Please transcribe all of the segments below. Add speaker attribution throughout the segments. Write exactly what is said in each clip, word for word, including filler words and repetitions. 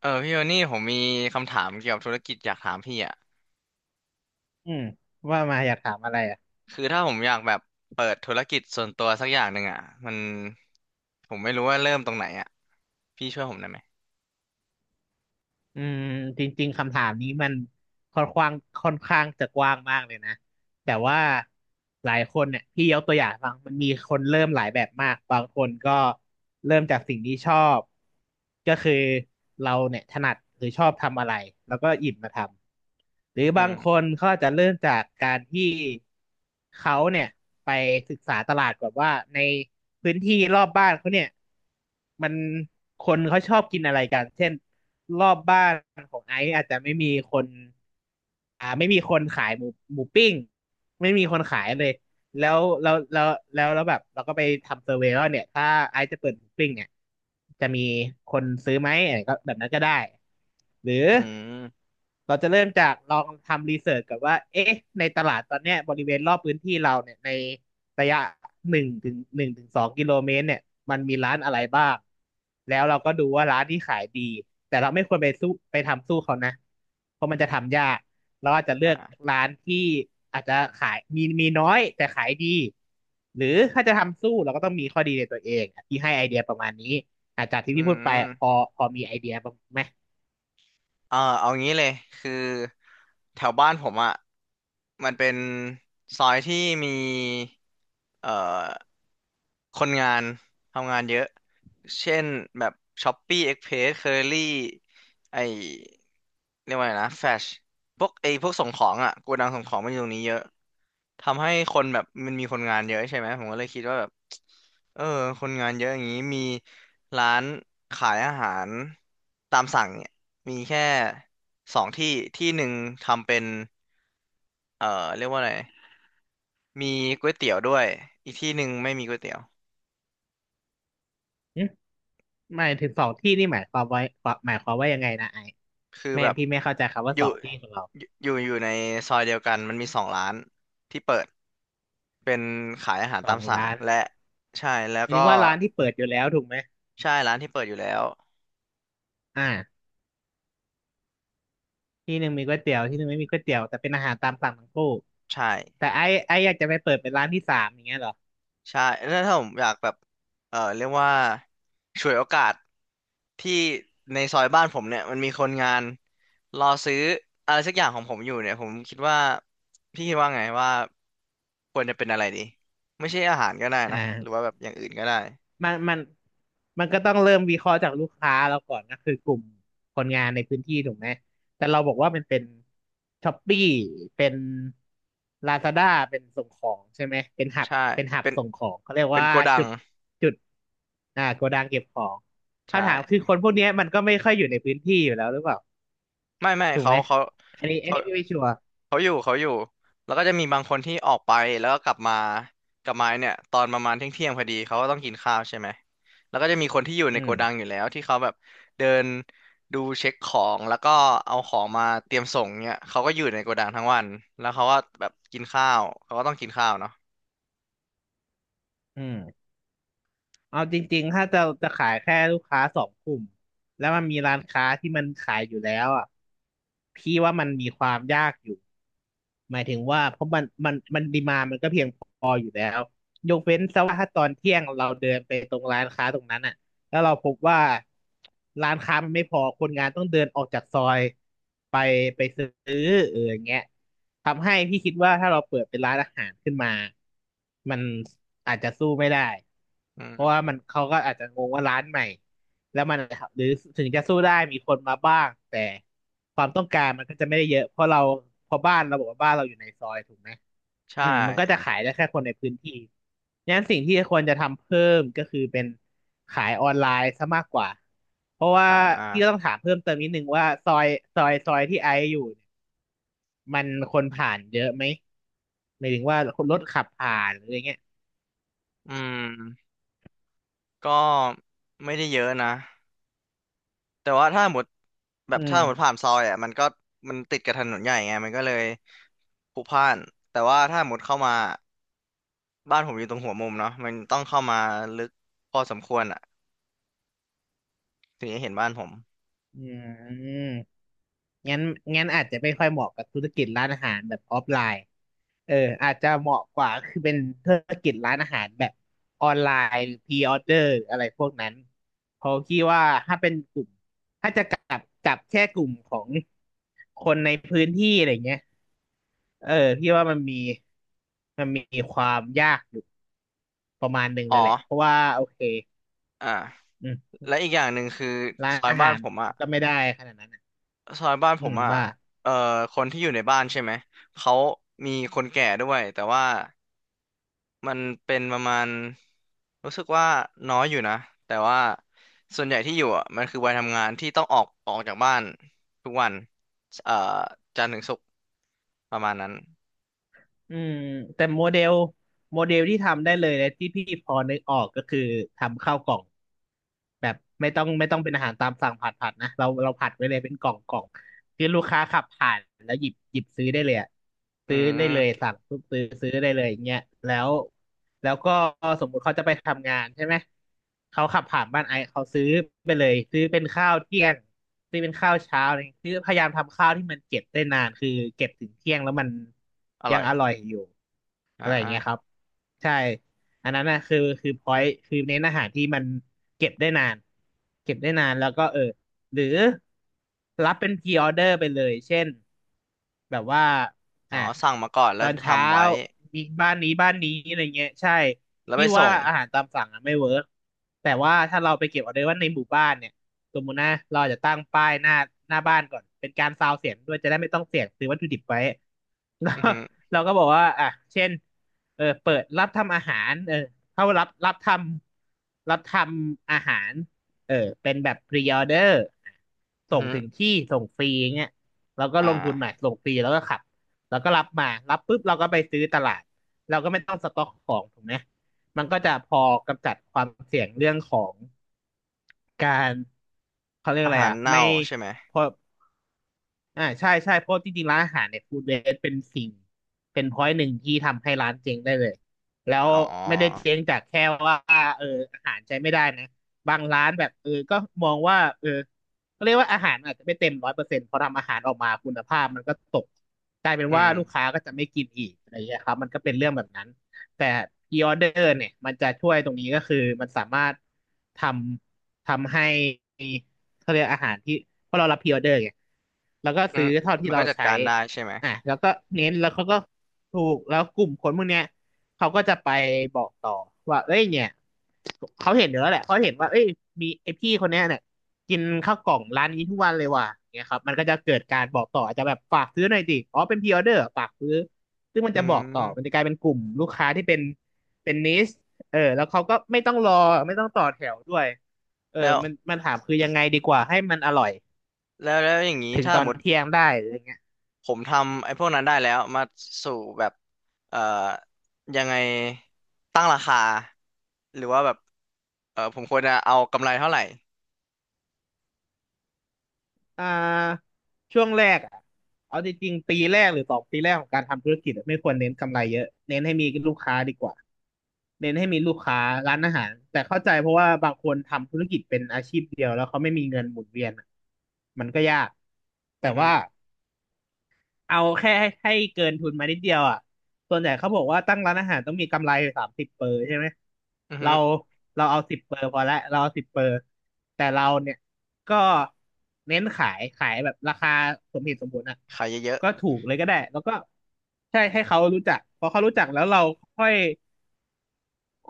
Speaker 1: เออพี่โทนี่ผมมีคำถามเกี่ยวกับธุรกิจอยากถามพี่อ่ะ
Speaker 2: อืมว่ามาอยากถามอะไรอ่ะ
Speaker 1: คือถ้าผมอยากแบบเปิดธุรกิจส่วนตัวสักอย่างหนึ่งอ่ะมันผมไม่รู้ว่าเริ่มตรงไหนอ่ะพี่ช่วยผมได้ไหม
Speaker 2: อืมจริงๆคำถามนี้มันค่อนข้างค่อนข้างจะกว้างมากเลยนะ แต่ว่าหลายคนเนี่ยพี่ยกตัวอย่างฟังมันมีคนเริ่มหลายแบบมากบางคนก็เริ่มจากสิ่งที่ชอบก็คือเราเนี่ยถนัดหรือชอบทำอะไรแล้วก็หยิบมาทำหรือ
Speaker 1: อื
Speaker 2: บางค
Speaker 1: ม
Speaker 2: นเขาอาจจะเริ่มจากการที่เขาเนี่ยไปศึกษาตลาดก่อนว่าในพื้นที่รอบบ้านเขาเนี่ยมันคนเขาชอบกินอะไรกันเช่นรอบบ้านของไอซ์อาจจะไม่มีคน อ่าไม่มีคนขายหมูหมูปิ้งไม่มีคนขายเลยแล้วแล้วแล้วแล้วแล้วแบบเราก็ไปทำเซอร์เวย์ว่าเนี่ยถ้าไอซ์จะเปิดหมูปิ้งเนี่ยจะมีคนซื้อไหมอะไรก็แบบนั้นก็ได้หรือ
Speaker 1: อืม
Speaker 2: เราจะเริ่มจากลองทำรีเสิร์ชกับว่าเอ๊ะในตลาดตอนเนี้ยบริเวณรอบพื้นที่เราเนี่ยในระยะหนึ่งถึงหนึ่งถึงสองกิโลเมตรเนี่ยมันมีร้านอะไรบ้างแล้วเราก็ดูว่าร้านที่ขายดีแต่เราไม่ควรไปสู้ไปทำสู้เขานะเพราะมันจะทำยากเราอาจจะเลือก
Speaker 1: อ่า
Speaker 2: ร้านที่อาจจะขายมีมีน้อยแต่ขายดีหรือถ้าจะทำสู้เราก็ต้องมีข้อดีในตัวเองที่ให้ไอเดียประมาณนี้อาจจากที่
Speaker 1: อื
Speaker 2: พี่พูดไปพอ
Speaker 1: ม
Speaker 2: พอมีไอเดียบ้างไหม
Speaker 1: เออเอางี้เลยคือแถวบ้านผมอ่ะมันเป็นซอยที่มีเอ่อ คนงานทำงานเยอะ เช่นแบบช้อปปี้เอ็กเพรสเคอรี่ไอเรียกว่าไงนะแฟชพวกไอพวกส่งของอ่ะโกดังส่งของมันอยู่ตรงนี้เยอะทำให้คนแบบมันมีคนงานเยอะใช่ไหมผมก็เลยคิดว่าแบบเออคนงานเยอะอย่างนี้มีร้านขายอาหารตามสั่งเนี่ยมีแค่สองที่ที่หนึ่งทำเป็นเอ่อเรียกว่าอะไรมีก๋วยเตี๋ยวด้วยอีกที่หนึ่งไม่มีก๋วยเตี๋ยว
Speaker 2: หมายถึงสองที่นี่หมายความไว้หมายความว่ายังไงนะไอ
Speaker 1: คือ
Speaker 2: ไม่
Speaker 1: แบบ
Speaker 2: พี่ไม่เข้าใจคำว่า
Speaker 1: อ
Speaker 2: ส
Speaker 1: ยู่
Speaker 2: องที่ของเรา
Speaker 1: อยู่อยู่ในซอยเดียวกันมันมีสองร้านที่เปิดเป็นขายอาหาร
Speaker 2: ส
Speaker 1: ตา
Speaker 2: อ
Speaker 1: ม
Speaker 2: ง
Speaker 1: สั่ง
Speaker 2: ร้าน
Speaker 1: และใช่แล้ว
Speaker 2: หมาย
Speaker 1: ก็
Speaker 2: ถึงว่าร้านที่เปิดอยู่แล้วถูกไหม
Speaker 1: ใช่ร้านที่เปิดอยู่แล้ว
Speaker 2: อ่าที่หนึ่งมีก๋วยเตี๋ยวที่หนึ่งไม่มีก๋วยเตี๋ยวแต่เป็นอาหารตามสั่งทั้งคู่
Speaker 1: ใช่
Speaker 2: แต่ไอ้ไออยากจะไปเปิดเป็นร้านที่สามอย่างเงี้ยเหรอ
Speaker 1: ใช่แล้วถ้าผมอยากแบบเออเรียกว่าฉวยโอกาสที่ในซอยบ้านผมเนี่ยมันมีคนงานรอซื้ออะไรสักอย่างของผมอยู่เนี่ยผมคิดว่าพี่คิดว่าไงว่าควรจะเป็นอะไรดีไม่ใช่อาหารก็ได้
Speaker 2: อ่
Speaker 1: นะหรือว่า
Speaker 2: า
Speaker 1: แบบอย่างอื่นก็ได้
Speaker 2: มันมันมันก็ต้องเริ่มวิเคราะห์จากลูกค้าเราก่อนก็คือกลุ่มคนงานในพื้นที่ถูกไหมแต่เราบอกว่ามันเป็นช้อปปี้เป็นลาซาด้าเป็นส่งของใช่ไหมเป็นหับ
Speaker 1: ใช่
Speaker 2: เป็นหับ
Speaker 1: เป็น
Speaker 2: ส่งของเขาเรียก
Speaker 1: เป็น
Speaker 2: ว่า
Speaker 1: โกดั
Speaker 2: จุ
Speaker 1: ง
Speaker 2: ดจุดอ่าโกดังเก็บของ
Speaker 1: ใช่
Speaker 2: คำถามคือคนพวกเนี้ยมันก็ไม่ค่อยอยู่ในพื้นที่อยู่แล้วหรือเปล่า
Speaker 1: ไม่ไม่
Speaker 2: ถูก
Speaker 1: เขา
Speaker 2: ไหม
Speaker 1: เขา
Speaker 2: อันนี้อัน
Speaker 1: เขา
Speaker 2: นี้พี่ไม่ชัวร์
Speaker 1: เขาอยู่เขาอยู่แล้วก็จะมีบางคนที่ออกไปแล้วก็กลับมากลับมาเนี่ยตอนประมาณเที่ยงเที่ยงพอดีเขาก็ต้องกินข้าวใช่ไหมแล้วก็จะมีคนที่อยู่ใน
Speaker 2: อื
Speaker 1: โก
Speaker 2: ม
Speaker 1: ดังอยู่แล้วที่เขาแบบเดินดูเช็คของแล้วก็เอาของมาเตรียมส่งเนี่ยเขาก็อยู่ในโกดังทั้งวันแล้วเขาก็แบบกินข้าวเขาก็ต้องกินข้าวเนาะ
Speaker 2: อืม เอาจริงๆถ้าจะจะขายแค่ลูกค้าสองกลุ่มแล้วมันมีร้านค้าที่มันขายอยู่แล้วอ่ะพี่ว่ามันมีความยากอยู่หมายถึงว่าเพราะมันมันมันดีมามันก็เพียงพอ แล้วยกเว้นซะว่าถ้าตอนเที่ยงเราเดินไปตรงร้านค้าตรงนั้นอ่ะแล้วเราพบว่าร้านค้ามันไม่พอคนงานต้องเดินออกจากซอยไปไปซื้อเอออย่างเงี้ยทำให้พี่คิดว่าถ้าเราเปิดเป็นร้านอาหารขึ้นมามันอาจจะสู้ไม่ได้
Speaker 1: อื
Speaker 2: เพราะ
Speaker 1: ม
Speaker 2: ว่ามันเขาก็อาจจะงงว่าร้านใหม่แล้วมันหรือถึงจะสู้ได้มีคนมาบ้างแต่ความต้องการมันก็จะไม่ได้เยอะเพราะเราเพอบ้านเราบอกว่าบ้านเราอยู่ในซอยถูกไหม
Speaker 1: ใช่
Speaker 2: อืมมันก็จะขายได้แค่คนในพื้นที่งั้นสิ่งที่ควรจะทำเพิ่มก็คือเป็นขายออนไลน์ซะมากกว่า เพราะว่า
Speaker 1: อ่
Speaker 2: พี่ก็ต้
Speaker 1: า
Speaker 2: องถามเพิ่มเติมนิดนึงว่าซอยซอยซอยที่ไอซ์อยู่เนี่ยมันคนผ่านเยอะไหมหมายถึงว่าคนรถขับผ่านหรืออะไรเงี้ย
Speaker 1: อืมก็ไม่ได้เยอะนะ แต่ว่าถ้าหมดแบ
Speaker 2: อื
Speaker 1: บถ้าหมดผ่าน
Speaker 2: ม
Speaker 1: ซอยอ่ะมันก็มันติดกับถนนใหญ่ไงมันก็เลยพลุกพล่านแต่ว่าถ้าหมดเข้ามาบ้านผมอยู่ตรงหัวมุมเนาะมันต้องเข้ามาลึกพอสมควรอ่ะถึงจะเห็นบ้านผม
Speaker 2: อืม งั้นงั้นอาจจะไม่ค่อยเหมาะกับธุรกิจร้านอาหารแบบออฟไลน์เอออาจจะเหมาะกว่าคือเป็นธุรกิจร้านอาหารแบบออนไลน์พรีออเดอร์อะไรพวกนั้นเพราะคิดว่าถ้าเป็นกลุ่มถ้าจะกลับกลับแค่กลุ่มของคนในพื้นที่อะไรเงี้ยเออพี่ว่ามันมีมันมีความยากอยู่ประมาณหนึ่งเล
Speaker 1: อ๋อ
Speaker 2: ยแหละเพราะว่าโอเค
Speaker 1: อ่า
Speaker 2: อืม
Speaker 1: และอีกอย่างหนึ่งคือ
Speaker 2: ร้าน
Speaker 1: ซอย
Speaker 2: อา
Speaker 1: บ้า
Speaker 2: หา
Speaker 1: น
Speaker 2: ร
Speaker 1: ผมอ่ะ
Speaker 2: ก็ไม่ได้ขนาดนั้นอะ
Speaker 1: ซอยบ้านผ
Speaker 2: อื
Speaker 1: ม
Speaker 2: ม
Speaker 1: อ่ะ
Speaker 2: ว่า
Speaker 1: เอ่อคนที่อยู่ในบ้านใช่ไหมเขามีคนแก่ด้วยแต่ว่า มันเป็นประมาณรู้สึกว่าน้อยอยู่นะแต่ว่าส่วนใหญ่ที่อยู่อ่ะมันคือวัยทำงานที่ต้องออกออกจากบ้านทุกวันเอ่อจันทร์ถึงศุกร์ประมาณนั้น
Speaker 2: อืมแต่โมเดลโมเดลที่ทำได้เลยและที่พี่พอนึกออกก็คือทำข้าวกล่องแบบไม่ต้องไม่ต้องเป็นอาหารตามสั่งผัดผัดนะเราเราผัดไว้เลยเป็นกล่องกล่องที่ลูกค้าขับผ่านแล้วหยิบหยิบซื้อได้เลยอะ
Speaker 1: อื
Speaker 2: ซื้อได้เลย
Speaker 1: ม
Speaker 2: สั่งปุ๊บซื้อซื้อได้เลยอย่างเงี้ยแล้ว แล้วก็สมมุติเขาจะไปทำงานใช่ไหมเขาขับผ่านบ้านไอซ์เขาซื้อไปเลยซื้อเป็นข้าวเที่ยงซื้อเป็นข้าวเช้าอะไรอย่างเงี้ยคือพยายามทำข้าวที่มันเก็บได้นานคือเก็บถึงเที่ยงแล้วมัน
Speaker 1: อ
Speaker 2: ยั
Speaker 1: ร่
Speaker 2: ง
Speaker 1: อย
Speaker 2: อร่อยอยู่
Speaker 1: อ
Speaker 2: อะไรอย่างเงี้ยค
Speaker 1: ่า
Speaker 2: รับใช่อันนั้นนะคือคือพอยต์คือเน้นอาหารที่มันเก็บได้นานเก็บได้นานแล้วก็เออ หรือรับเป็นพีออเดอร์ไปเลยเช่นแบบว่า
Speaker 1: อ๋
Speaker 2: อ่ะ
Speaker 1: อสั่งมาก่อน
Speaker 2: ต
Speaker 1: แล้
Speaker 2: อ
Speaker 1: ว
Speaker 2: นเช้า
Speaker 1: ทำไว้
Speaker 2: มีบ้านนี้บ้านนี้อะไรเงี้ยใช่
Speaker 1: แล้วไป
Speaker 2: พี่ว่า
Speaker 1: ส่ง
Speaker 2: อาหารตามสั่งอะไม่เวิร์กแต่ว่าถ้าเราไปเก็บออเดอร์ว่าในหมู่บ้านเนี่ยสมมุตินะเราอาจจะตั้งป้ายหน้าหน้าบ้านก่อนเป็นการซาวเสียงด้วยจะได้ไม่ต้องเสี่ยงซื้อวัตถุดิบไว้ แล้ว
Speaker 1: อือฮึ
Speaker 2: เราก็บอกว่าอ่ะเช่นเออเปิดรับทำอาหารเออเข้ารับรับทำรับทำอาหาร เออเป็นแบบ pre order
Speaker 1: อื
Speaker 2: ส่
Speaker 1: อ
Speaker 2: ง
Speaker 1: ฮึ
Speaker 2: ถึงที่ส่งฟรีอย่างเงี้ยเราก็
Speaker 1: อ่
Speaker 2: ลงทุนหน่อย
Speaker 1: า
Speaker 2: ส่งฟรีแล้วก็ขับแล้วก็รับมารับปุ๊บเราก็ไปซื้อตลาดเราก็ไม่ต้องสต็อกของถูกไหมมันก็จะพอกำจัดความเสี่ยงเรื่องของการเขาเรียก
Speaker 1: อา
Speaker 2: อะไร
Speaker 1: หาร
Speaker 2: อ่ะ
Speaker 1: เน่า
Speaker 2: ไม่
Speaker 1: ใช่ไหม
Speaker 2: พอ อ่าใช่ใช่เพราะจริงๆร้านอาหารเนี่ยฟู้ดเวสเป็นสิ่งเป็นพอยต์หนึ่งที่ทำให้ร้านเจ๊งได้เลยแล้ว
Speaker 1: อ๋
Speaker 2: ไม่ได้
Speaker 1: อ
Speaker 2: เจ๊งจากแค่ว่าเอออาหารใช้ไม่ได้นะบางร้านแบบเออก็มองว่าเออก็เรียกว่าอาหารอาจจะไม่เต็มร้อยเปอร์เซ็นต์พอทำอาหารออกมาคุณภาพมันก็ตกกลายเป็น
Speaker 1: อื
Speaker 2: ว่า
Speaker 1: ม
Speaker 2: ลูกค้าก็จะไม่กินอีกอะไรอย่างเงี้ยครับมันก็เป็นเรื่องแบบนั้นแต่พรีออเดอร์เนี่ยมันจะช่วยตรงนี้ก็คือมันสามารถทำทำให้ เขาเรียกอาหารที่เพราะเรารับพรีออเดอร์ไงแล้วก็
Speaker 1: อื
Speaker 2: ซื้
Speaker 1: ม
Speaker 2: อเท่าที่
Speaker 1: มันก็
Speaker 2: เรา
Speaker 1: จัด
Speaker 2: ใช้
Speaker 1: การได้ใช่ไหม
Speaker 2: อ่ะแล้วก็เน้นแล้วเขาก็ถูก แล้วกลุ่มคนพวกเนี้ยเขาก็จะไปบอกต่อว่าเอ้ยเนี่ยเขาเห็นอยู่แล้วแหละเขาเห็นว่าเอ้ยมีไอพี่คนเนี้ยเนี่ยกินข้าวกล่องร้านนี้ทุกวันเลยว่ะเนี่ยครับมันก็จะเกิดการบอกต่ออาจจะแบบฝากซื้อหน่อยดิอ๋อเป็นพรีออเดอร์ฝากซื้อซึ่งมันจะ
Speaker 1: อื
Speaker 2: บอกต่อมัน
Speaker 1: ม
Speaker 2: จะกลายเป็นกลุ่มลูกค้าที่เป็นเป็นนิชเออแล้วเขาก็ไม่ต้องรอไม่ต้องต่อแถวด้วย เออ
Speaker 1: แล้ว
Speaker 2: มันมันถามคือยังไงดีกว่าให้มันอร่อย
Speaker 1: แล้วแล้วอย่างนี้
Speaker 2: ถึง
Speaker 1: ถ้า
Speaker 2: ตอ
Speaker 1: ห
Speaker 2: น
Speaker 1: มด
Speaker 2: เที่ยงได้อะไรเงี้ย
Speaker 1: ผมทำไอ้พวกนั้นได้แล้วมาสู่แบบเอ่อยังไงตั้งราคาหรือว่าแบบเออผมควรจะเอากำไรเท่าไหร่
Speaker 2: อ่าช่วงแรกอะเอาจริงๆ ปีแรกหรือสองปีแรกของการทำธุรกิจอะไม่ควรเน้นกำไรเยอะเน้นให้มีลูกค้าดีกว่า เน้นให้มีลูกค้าร้านอาหาร แต่เข้าใจเพราะว่าบางคนทำธุรกิจเป็นอาชีพเดียวแล้วเขาไม่มีเงินหมุนเวียนอะมันก็ยาก แต่
Speaker 1: อือฮึ
Speaker 2: ว่า เอาแค่ให้ให้เกินทุนมานิดเดียวอ่ะส่วนใหญ่เขาบอกว่าตั้งร้านอาหารต้องมีกำไรสามสิบเปอร์ใช่ไหม
Speaker 1: อือฮึ
Speaker 2: เราเราเอาสิบเปอร์พอละเราเอาสิบเปอร์แต่เราเนี่ยก็เน้นขายขายแบบราคาสมเหตุสมผลอ่ะ
Speaker 1: ขายเยอะ
Speaker 2: ก็ถูกเลยก็ได้แล้วก็ใช่ให้เขารู้จักพอเขารู้จักแล้วเราค่อย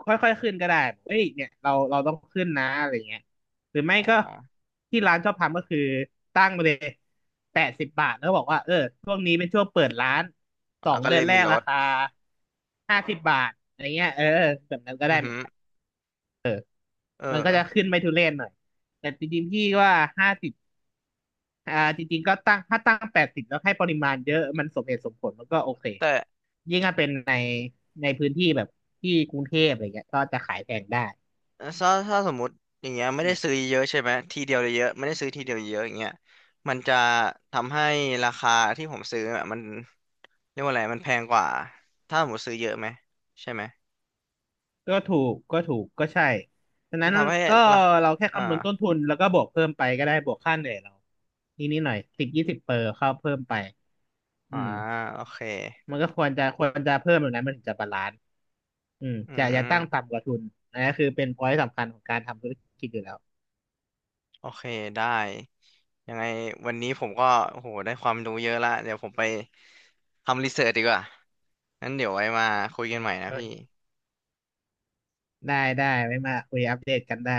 Speaker 2: ค่อยๆ ขึ้นก็ได้เอ้ยเนี่ยเราเราต้องขึ้นนะอะไรเงี้ยหรือ
Speaker 1: ๆ
Speaker 2: ไม่
Speaker 1: อ๋อ
Speaker 2: ก็ที่ร้านชอบทำก็คือตั้งไปเลยแปดสิบบาทแล้วบอกว่าเออช่วงนี้เป็นช่วงเปิดร้านสอ
Speaker 1: แล้ว
Speaker 2: ง
Speaker 1: ก็
Speaker 2: เดื
Speaker 1: เล
Speaker 2: อ
Speaker 1: ย
Speaker 2: นแร
Speaker 1: มี
Speaker 2: ก
Speaker 1: ล
Speaker 2: รา
Speaker 1: ด
Speaker 2: คาห้าสิบบาทอะไรเงี้ยเออแบบนั้นก็
Speaker 1: อื
Speaker 2: ได้
Speaker 1: อ
Speaker 2: เห
Speaker 1: ฮึ
Speaker 2: มือนกัน
Speaker 1: เอ
Speaker 2: มันก็จะ
Speaker 1: อ
Speaker 2: ขึ้นไม่ทุเรศหน่อย แต่จริงๆพี่ว่าห้าสิบอ่าจริงๆก็ตั้งถ้าตั้งแปดสิบแล้วให้ปริมาณเยอะมันสมเหตุสมผลมันก็โอเค
Speaker 1: แต่
Speaker 2: ยิ่งถ้าเป็นในในพื้นที่แบบที่กรุงเทพอะไรเงี้ยก็จะขายแพงได้
Speaker 1: ถ้าถ้าสมมุติอย่างเงี้ยไม่ได้ซื้อเยอะใช่ไหมทีเดียวเลยเยอะไม่ได้ซื้อทีเดียวเยอะอย่างเงี้ยมันจะทำให้ราคาที่ผมซื้ออะมันเรียกว่าอะไรมันแพงกว่าถ้าผมมุติซื้อเยอะไหมใช่ไหม
Speaker 2: ก็ถูกก็ถูกก็ใช่ดัง
Speaker 1: มั
Speaker 2: นั้
Speaker 1: น
Speaker 2: น
Speaker 1: ทำให้
Speaker 2: ก็
Speaker 1: ราคา
Speaker 2: เราแค่
Speaker 1: อ่า
Speaker 2: คำนวณต้นทุนแล้วก็บวกเพิ่มไปก็ได้บวกค่าเหนื่อยเรานิดนิดหน่อยสิบยี่สิบเปอร์เข้าเพิ่มไปอื
Speaker 1: อ่า
Speaker 2: ม
Speaker 1: โอเค
Speaker 2: มันก็ควรจะควรจะเพิ่มแบบนั้นมันถึงจะบาลานซ์อืม
Speaker 1: อื
Speaker 2: จะอย่าตั้ง
Speaker 1: ม
Speaker 2: ต่ำกว่าทุนอันนี้คือเป็นพอยต์สำคัญของการทำธุรกิจอยู่แล้ว
Speaker 1: โอเคได้ยังไงวันนี้ผมก็โอ้โหได้ความรู้เยอะละเดี๋ยวผมไปทำรีเสิร์ชดีกว่างั้นเดี๋ยวไว้มาคุยกันใหม่นะ
Speaker 2: โอ
Speaker 1: พี่
Speaker 2: เคได้ได้ไม่มาคุยอัปเดตกันได้